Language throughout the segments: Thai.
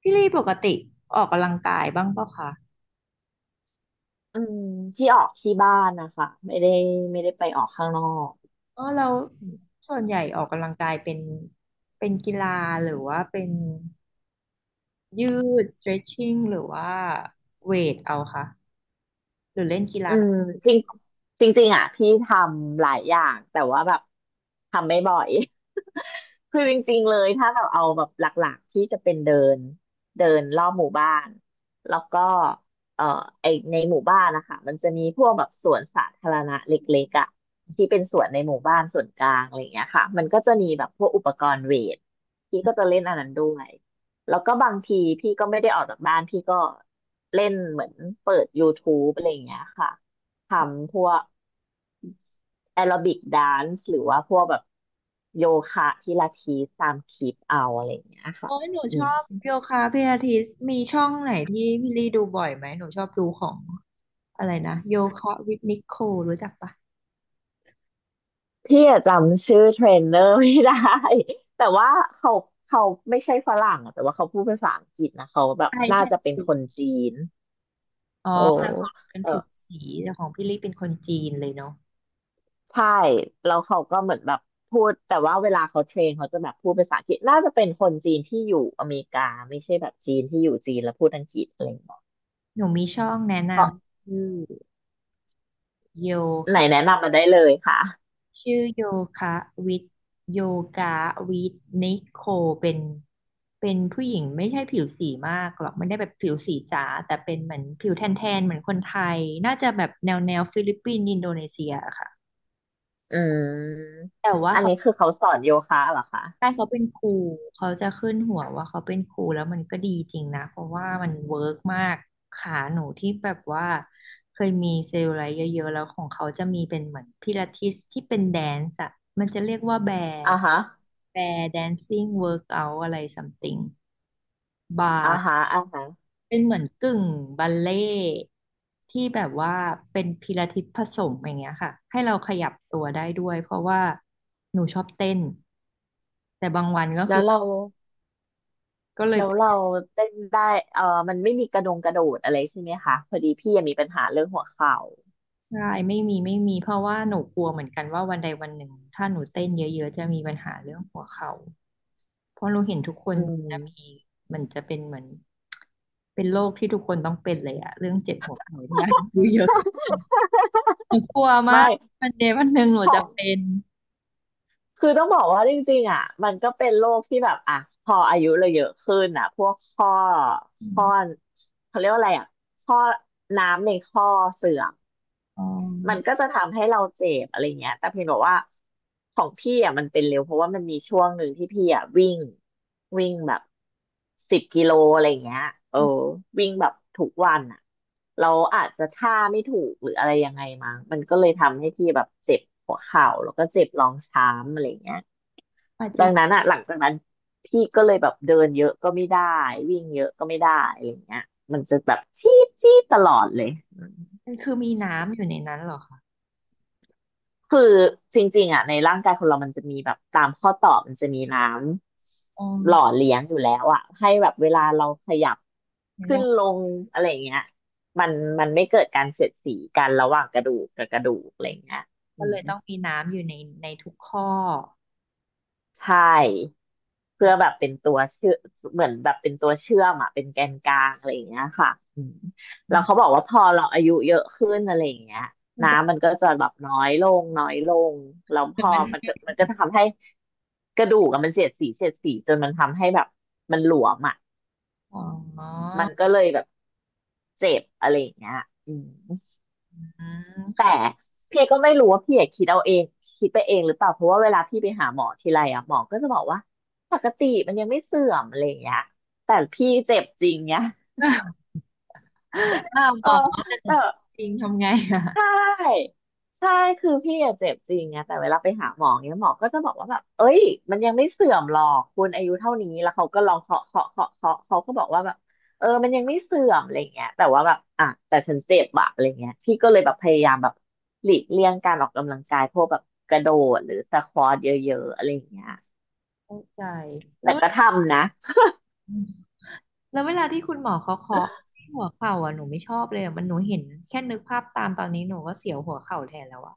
พี่ลี่ปกติออกกำลังกายบ้างเปล่าคะอืมที่ออกที่บ้านนะคะไม่ได้ไม่ได้ไปออกข้างนอกอ๋อเราส่วนใหญ่ออกกำลังกายเป็นเป็นกีฬาหรือว่าเป็นยืด stretching หรือว่าเวทเอาค่ะหรือเล่นกีอืฬามจริงจริงๆอ่ะพี่ทำหลายอย่างแต่ว่าแบบทำไม่บ่อย คือจริงๆเลยถ้าแบบเอาแบบหลักๆที่จะเป็นเดินเดินรอบหมู่บ้านแล้วก็เอ่อไอในหมู่บ้านนะคะมันจะมีพวกแบบสวนสาธารณะเล็กๆอ่ะที่เป็นสวนในหมู่บ้านส่วนกลางอะไรอย่างเงี้ยค่ะมันก็จะมีแบบพวกอุปกรณ์เวทพี่ก็จะเล่นอันนั้นด้วย แล้วก็บางทีพี่ก็ไม่ได้ออกจากบ้านพี่ก็เล่นเหมือนเปิด YouTube อะไรอย่างเงี้ยค่ะทำพวกแอโรบิกแดนซ์หรือว่าพวกแบบโยคะพิลาทิสตามคลิปเอาอะไรอย่างเงี้ยค่ะโอ้ยหนูอืชมอบโยคะพิลาทิสมีช่องไหนที่พี่ลี่ดูบ่อยไหมหนูชอบดูของอะไรนะโยคะวิทนิโครู้จักปะพี่อะจำชื่อเทรนเนอร์ไม่ได้ แต่ว่าเขาเขาไม่ใช่ฝรั่งอะแต่ว่าเขาพูดภาษาอังกฤษนะเขาแบบใช่น่าจะใช่เป็นคนจีนอ๋อโอแต่ของหนู้ เป็นผิวสีแต่ของพี่ลี่เป็นคนจีนเลยเนาะใช่แล้วเขาก็เหมือนแบบพูดแต่ว่าเวลาเขาเทรนเขาจะแบบพูดภาษาอังกฤษน่าจะเป็นคนจีนที่อยู่อเมริกาไม่ใช่แบบจีนที่อยู่จีนแล้วพูดอังกฤษอะไรอย่างเงี้ยหนูมีช่องแนะนเพราะำชื่อ โยไหนคะแนะนำมาได้เลยค่ะชื่อโยคะวิทโยกาวิทนิโคเป็นเป็นผู้หญิงไม่ใช่ผิวสีมากหรอกไม่ได้แบบผิวสีจ๋าแต่เป็นเหมือนผิวแทนๆเหมือนคนไทยน่าจะแบบแนวฟิลิปปินส์อินโดนีเซียอะค่ะอืมแต่ว่าอันเขา นี้คือเขาสอนโยคะเหรอคะใช่เขาเป็นครูเขาจะขึ้นหัวว่าเขาเป็นครูแล้วมันก็ดีจริงนะเพราะว่ามันเวิร์กมากขาหนูที่แบบว่าเคยมีเซลล์อะไรเยอะๆแล้วของเขาจะมีเป็นเหมือนพิลาทิสที่เป็นแดนซ์อะมันจะเรียกว่าแบร์อ่าฮะแบร์แดนซิ่งเวิร์กเอาอะไรซัมติงบาอ่าร์ฮะอ่าฮะเป็นเหมือนกึ่งบัลเล่ต์ที่แบบว่าเป็นพิลาทิสผสมอย่างเงี้ยค่ะให้เราขยับตัวได้ด้วยเพราะว่าหนูชอบเต้นแต่บางวันก็แล้คืวอเราก็เลย แล้วเราเต้นได้เออมันไม่มีกระดงกระโดดอะไรใช่ไหมคะพอดีพี่ยังมีปัญหาเรื่องหัวเข่าใช่ไม่มีไม่มีเพราะว่าหนูกลัวเหมือนกันว่าวันใดวันหนึ่งถ้าหนูเต้นเยอะๆจะมีปัญหาเรื่องหัวเข่าเพราะหนูเห็นทุกคนอืมันจะมีมมันจะเป็นเหมือนเป็นโรคที่ทุกคนต้องเป็นเลยอะเรื่องเจ็บหัวเข่าดูเยอะหนูกลัวมาไม่ กวันใดวันหนึ่งหนูจะเป็นคือต้องบอกว่าจริงๆอ่ะมันก็เป็นโรคที่แบบอ่ะพออายุเราเยอะขึ้นอ่ะพวกข้ออข้อมเขาเรียกว่าอะไรอ่ะข้อน้ำในข้อเสื่อมอ๋มันก็อจะทำให้เราเจ็บอะไรเงี้ยแต่เพียงแต่ว่าของพี่อ่ะมันเป็นเร็วเพราะว่ามันมีช่วงหนึ่งที่พี่อ่ะวิ่งวิ่งแบบ10 กิโลอะไรเงี้ยเออวิ่งแบบทุกวันอ่ะเราอาจจะท่าไม่ถูกหรืออะไรยังไงมั้งมันก็เลยทำให้พี่แบบเจ็บหัวเข่าแล้วก็เจ็บรองช้ำอะไรเงี้ย ปาดัจิงนั้นอะหลังจากนั้นพี่ก็เลยแบบเดินเยอะก็ไม่ได้วิ่งเยอะก็ไม่ได้อะไรอย่างเงี้ยมันจะแบบชี้ตลอดเลยืมันคือมีน้ำอยู่ในนั้นเหรอคะคือจริงๆอะในร่างกายคนเรามันจะมีแบบตามข้อต่อมันจะมีน้อ๋อำหล่อเลี้ยงอยู่แล้วอะให้แบบเวลาเราขยับขึ้นลเรางอะไรอย่างเงี้ยมันมันไม่เกิดการเสียดสีกันระหว่างกระดูกกับกระดูกอะไรอย่างเงี้ยอืก็เลม ยต้องมีน้ำอยู่ในทุกข้อใช่เพื่อแบบเป็นตัวเชื่อเหมือนแบบเป็นตัวเชื่อมอะเป็นแกนกลางอะไรอย่างเงี้ยค่ะอืมอืแล้วเขาบมอกว่าพอเราอายุเยอะขึ้นอะไรอย่างเงี้ยมันจะน้ำมันก็จะแบบน้อยลงน้อยลงแล้วพอมันมันก็ทำให้กระดูกอะมันเสียดสีจนมันทำให้แบบมันหลวมอะอ๋อมันก็เลยแบบเจ็บอะไรอย่างเงี้ยอืม อืมคแต่รับ พี่ก็ไม่รู้ว่าพี่อะคิดเอาเองคิดไปเองหรือเปล่าเพราะว่าเวลาพี่ไปหาหมอทีไรอ่ะหมอก็จะบอกว่าปกติมันยังไม่เสื่อมอะไรอย่างเงี้ยแต่พี่เจ็บจริงเนี้ยหน้าหเอมออแต่จแต่ ริงๆทำไงอะใช่ใช่คือพี่อะเจ็บจริงไงแต่เวลาไปหาหมอเนี้ยหมอก็จะบอกว่าแบบเอ้ยมันยังไม่เสื่อมหรอกคุณอายุเท่านี้แล้วเขาก็ลองเคาะเขาก็บอกว่าแบบเออมันยังไม่เสื่อมอะไรเงี้ยแต่ว่าแบบอ่ะแต่ฉันเจ็บอะอะไรเงี้ยพี่ก็เลยแบบพยายามแบบหลีกเลี่ยงการออกกำลังกายพวกแบบกระโดดหรือสควอทเยอะๆอะไรเงี้ยเข้าใจแล้แต่วก็ทำนะ แล้วเวลาที่คุณหมอเขาเคาะที่หัวเข่าอ่ะหนูไม่ชอบเลยอะมันหนูเห็นแค่นึกภาพตามตอนนี้หนูก็เสียวหัวเข่าแทนแล้วอะ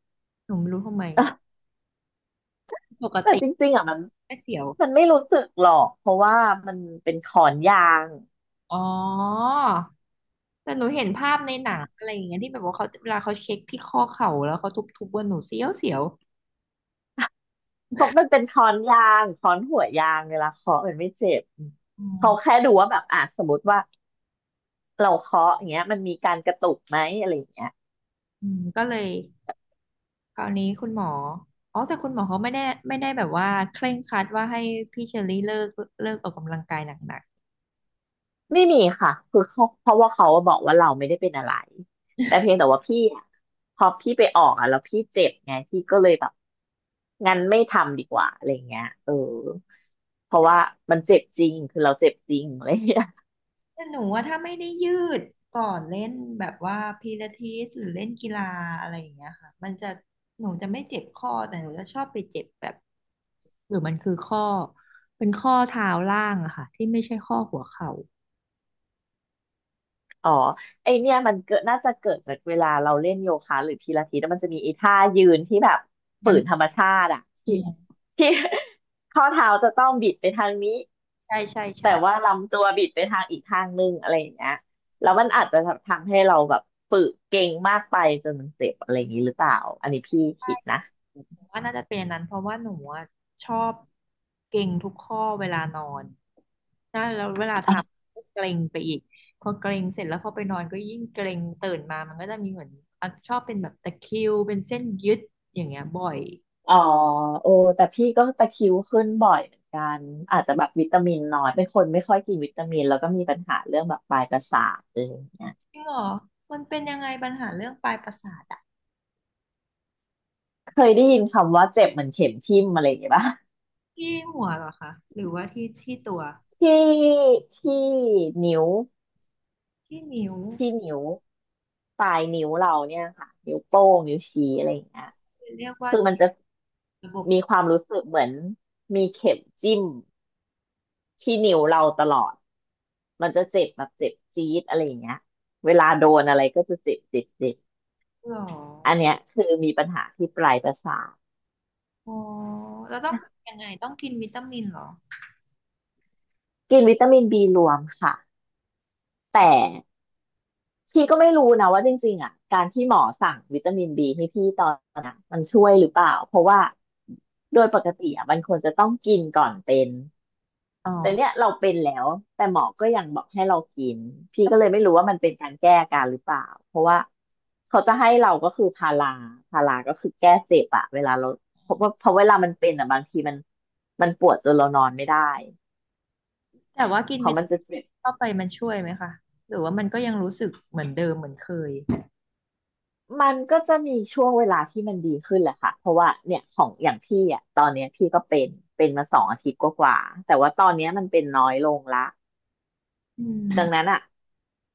หนูไม่รู้ทำไมปก แต่ติจริงๆอ่ะมันแค่เสียวมันไม่รู้สึกหรอกเพราะว่ามันเป็นขอนยาง อ๋อแต่หนูเห็นภาพในหนังอะไรอย่างเงี้ยที่แบบว่าเขาเวลาเขาเช็คที่ข้อเข่าแล้วเขาทุบๆว่าหนูเสียวเสียวเขามันเป็นค้อนยางค้อนหัวยางเวลาเคาะมันไม่เจ็บอ๋เขาอแค่ดูว่าแบบอ่ะสมมติว่าเราเคาะอย่างเงี้ยมันมีการกระตุกไหมอะไรอย่างเงี้ยอืมก็เลย คราวนี้คุณหมออ๋อแต่คุณหมอเขาไม่ได้ไม่ได้แบบว่าเคร่งครัดว่าให้พี่เชอรี่เลิกออกกำลังกายหนักไม่มีค่ะคือเขาเพราะว่าเขาบอกว่าเราไม่ได้เป็นอะไรแต่เพียงแต่ว่าพี่อะพอพี่ไปออกอ่ะแล้วพี่เจ็บไงพี่ก็เลยแบบงั้นไม่ทำดีกว่าอะไรเงี้ยเออเพราะว่ามันเจ็บจริงคือเราเจ็บจริงอะไรเงี้ย ๆแต่หนูว่าถ้าไม่ได้ยืดก่อนเล่นแบบว่าพิลาทิสหรือเล่นกีฬาอะไรอย่างเงี้ยค่ะมันจะหนูจะไม่เจ็บข้อแต่หนูจะชอบไปเจ็บแบบหรือมันคือข้อเป็นข้อเท้าล่างอะค่ะที่ไม่ใช่ข้อหัวเข่าอ๋อไอเนี่ยมันเกิดน่าจะเกิดจากเวลาเราเล่นโยคะหรือพิลาทิสแล้วมันจะมีไอ้ท่ายืนที่แบบฝืงั้นนธรรมชาติอะที่เออที่ ข้อเท้าจะต้องบิดไปทางนี้ใช่ใช่แต่ใช่ ว่าลำตัวบิดไปทางอีกทางนึงอะไรอย่างเงี้ยแล้วมันอาจจะทำให้เราแบบฝึกเก่งมากไปจนมันเจ็บอะไรอย่างนี้หรือเปล่าอันนี้พี่คิดนะว่าน่าจะเป็นอันนั้นเพราะว่าหนูอะชอบเกร็งทุกข้อเวลานอนนะแล้วเวลาทำก็เกร็งไปอีกพอเกร็งเสร็จแล้วพอไปนอนก็ยิ่งเกร็งตื่นมามันก็จะมีเหมือนอ่ะชอบเป็นแบบตะคริวเป็นเส้นยึดอย่างเงี้ยบ่อยอ๋อโอ้แต่พี่ก็ตะคริวขึ้นบ่อยเหมือนกันอาจจะแบบวิตามินน้อยเป็นคนไม่ค่อยกินวิตามินแล้วก็มีปัญหาเรื่องแบบปลายประสาทอะไรอย่างเงี้ย จริงเหรอมันเป็นยังไงปัญหาเรื่องปลายประสาทอะเคยได้ยินคำว่าเจ็บเหมือนเข็มทิ่มอะไรอย่างเงี้ยป่ะ ที่หัวเหรอคะหรือว่าที่ที่ตัวที่ที่นิ้วที่นิ้วที่นิ้วปลายนิ้วเราเนี่ยค่ะนิ้วโป้งนิ้วชี้อะไรอย่างเงี้ยเรียกว่าคือมันจะระบมีบความรู้สึกเหมือนมีเข็มจิ้มที่นิ้วเราตลอดมันจะเจ็บแบบเจ็บจี๊ดอะไรอย่างเงี้ยเวลาโดนอะไรก็จะเจ็บเจ็บเจ็บหรออันเนี้ยคือมีปัญหาที่ปลายประสาทอ๋อแล้วต้องยังไงต้องกินวิตามินเหรอกินวิตามินบีรวมค่ะแต่ พี่ก็ไม่รู้นะว่าจริงๆอ่ะการที่หมอสั่งวิตามินบีให้พี่ตอนนั้นอะมันช่วยหรือเปล่าเพราะว่าโดยปกติอ่ะมันควรจะต้องกินก่อนเป็นอ๋อ แต่เนี้ยเราเป็นแล้วแต่หมอก็ยังบอกให้เรากินพี่ก็เลยไม่รู้ว่ามันเป็นการแก้อาการหรือเปล่าเพราะว่าเขาจะให้เราก็คือพาราพาราก็คือแก้เจ็บอะเวลาเราเพราะว่าเพราะเวลามันเป็นอ่ะบางทีมันปวดจนเรานอนไม่ได้แต่ว่ากินเพราะวิมัตานจะมินเจ็บ เข้าไปมันช่วยไหมคะหรือว่ามันก็ยังรู้สึกเหมือนเดิมเหมือนเคยมันก็จะมีช่วงเวลาที่มันดีขึ้นแหละค่ะ เพราะว่าเนี่ยของอย่างพี่อ่ะตอนเนี้ยพี่ก็เป็นเป็นมา2 อาทิตย์กว่าๆแต่ว่าตอนเนี้ยมันเป็นน้อยลงละ อืดังนั้นมอ่ะ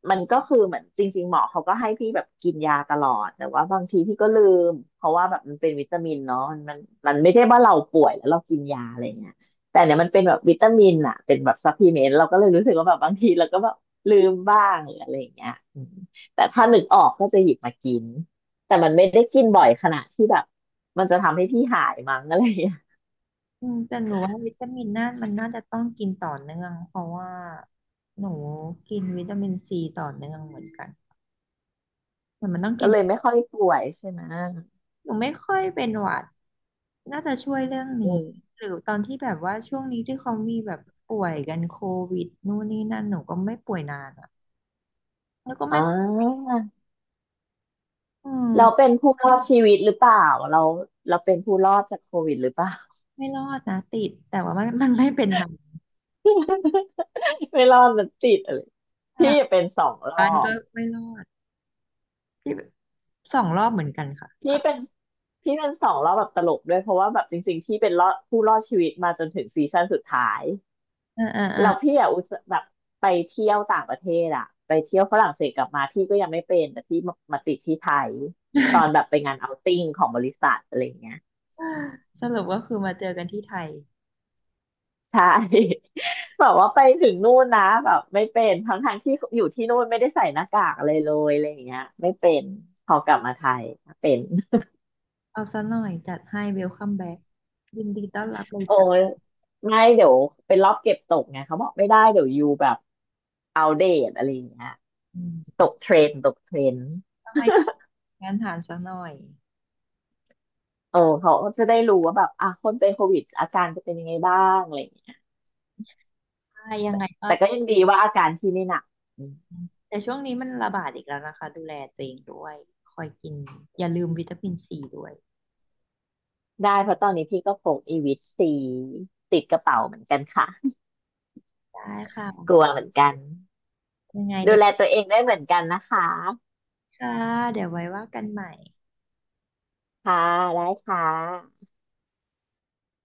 มันก็คือเหมือนจริงๆหมอเขาก็ให้พี่แบบกินยาตลอดแต่ว่าบางทีพี่ก็ลืมเพราะว่าแบบมันเป็นวิตามินเนาะมันมันไม่ใช่ว่าเราป่วยแล้วเรากินยาอะไรเงี้ยแต่เนี่ยมันเป็นแบบวิตามินอ่ะเป็นแบบซัพพลีเมนต์เราก็เลยรู้สึกว่าแบบบางทีเราก็แบบลืมบ้างหรืออะไรอย่างเงี้ยอืมแต่ถ้านึกออกก็จะหยิบมากินแต่มันไม่ได้กินบ่อยขนาดที่แบบมันจะทำให้พี่หายมั้งอะไรอย่างเงี้ยอืมแต่หนูว่าวิตามินน่ามันน่าจะต้องกินต่อเนื่องเพราะว่าหนูกินวิตามินซีต่อเนื่องเหมือนกันเหมือนมันต้องก็กินเลยไม่ค่อยป่วยใช่ไหมหนูไม่ค่อยเป็นหวัดน่าจะช่วยเรื่องอืนี้มหรือตอนที่แบบว่าช่วงนี้ที่เขามีแบบป่วยกันโควิดนู่นนี่นั่นหนูก็ไม่ป่วยนานอ่ะแล้วก็อ๋ไม่อ อืมเราเป็นผู้รอดชีวิตหรือเปล่าเราเราเป็นผู้รอดจากโควิดหรือเปล่า ไม่รอดนะติดแต่ว่ามัน มันไม่เป็นหนัก ไม่รอดมันติดอะไรตพี่ลาดเป็นสองรบ้าอนบก็ไม่รอด พี่สองรอบเหมือนกันค่ะพี่ค่ะเป็นพี่เป็นสองรอบแบบตลกด้วยเพราะว่าแบบจริงๆพี่เป็นรอดผู้รอดชีวิตมาจนถึงซีซั่นสุดท้ายเออเออเออแล้วพี่อะอุตส่าห์แบบไปเที่ยวต่างประเทศอะไปเที่ยวฝรั่งเศสกลับมาพี่ก็ยังไม่เป็นแต่พี่มาติดที่ไทยตอนแบบไปงานเอาติ้งของบริษัทอะไรอย่างเงี้ย สรุปก็คือมาเจอกันที่ไทยใช่ แบบว่าไปถึงนู่นนะแบบไม่เป็นทั้งทางที่อยู่ที่นู่นไม่ได้ใส่หน้ากากอะไรเลยอะไรอย่างเงี้ยไม่เป็นพอกลับมาไทยเป็น เอาซะหน่อยจัดให้เวลคัมแบ็กยินดีต้อนรับเล ยโอ้ยจ้ะไม่เดี๋ยวเป็นรอบเก็บตกไงเขาบอกไม่ได้เดี๋ยวยูแบบเอาเดตอะไรอย่างเงี้ยอืตมกเทรนด์ตกเทรนด์ต้องให้งานฐานซะหน่อยเออเขาก็จะได้รู้ว่าแบบอ่ะคนเป็นโควิดอาการจะเป็นยังไงบ้างอะไรอย่างเงี้ยใช่ยังไงก็แต่ก็ยังดีว่าอาการพี่ไม่หนักอืมแต่ช่วงนี้มันระบาดอีกแล้วนะคะดูแลตัวเองด้วยคอยกินอย่าลืมวิตามินซีด้วยได้เพราะตอนนี้พี่ก็พกอีวิตซีติดกระเป๋าเหมือนกันค่ะ ได้กค่ะลัวเหมือนกันยังไงดูเดูแลตัวเองได้เหมือนกันนะคะค่ะเดี๋ยวไว้ว่ากันใหม่ค่ะได้ค่ะ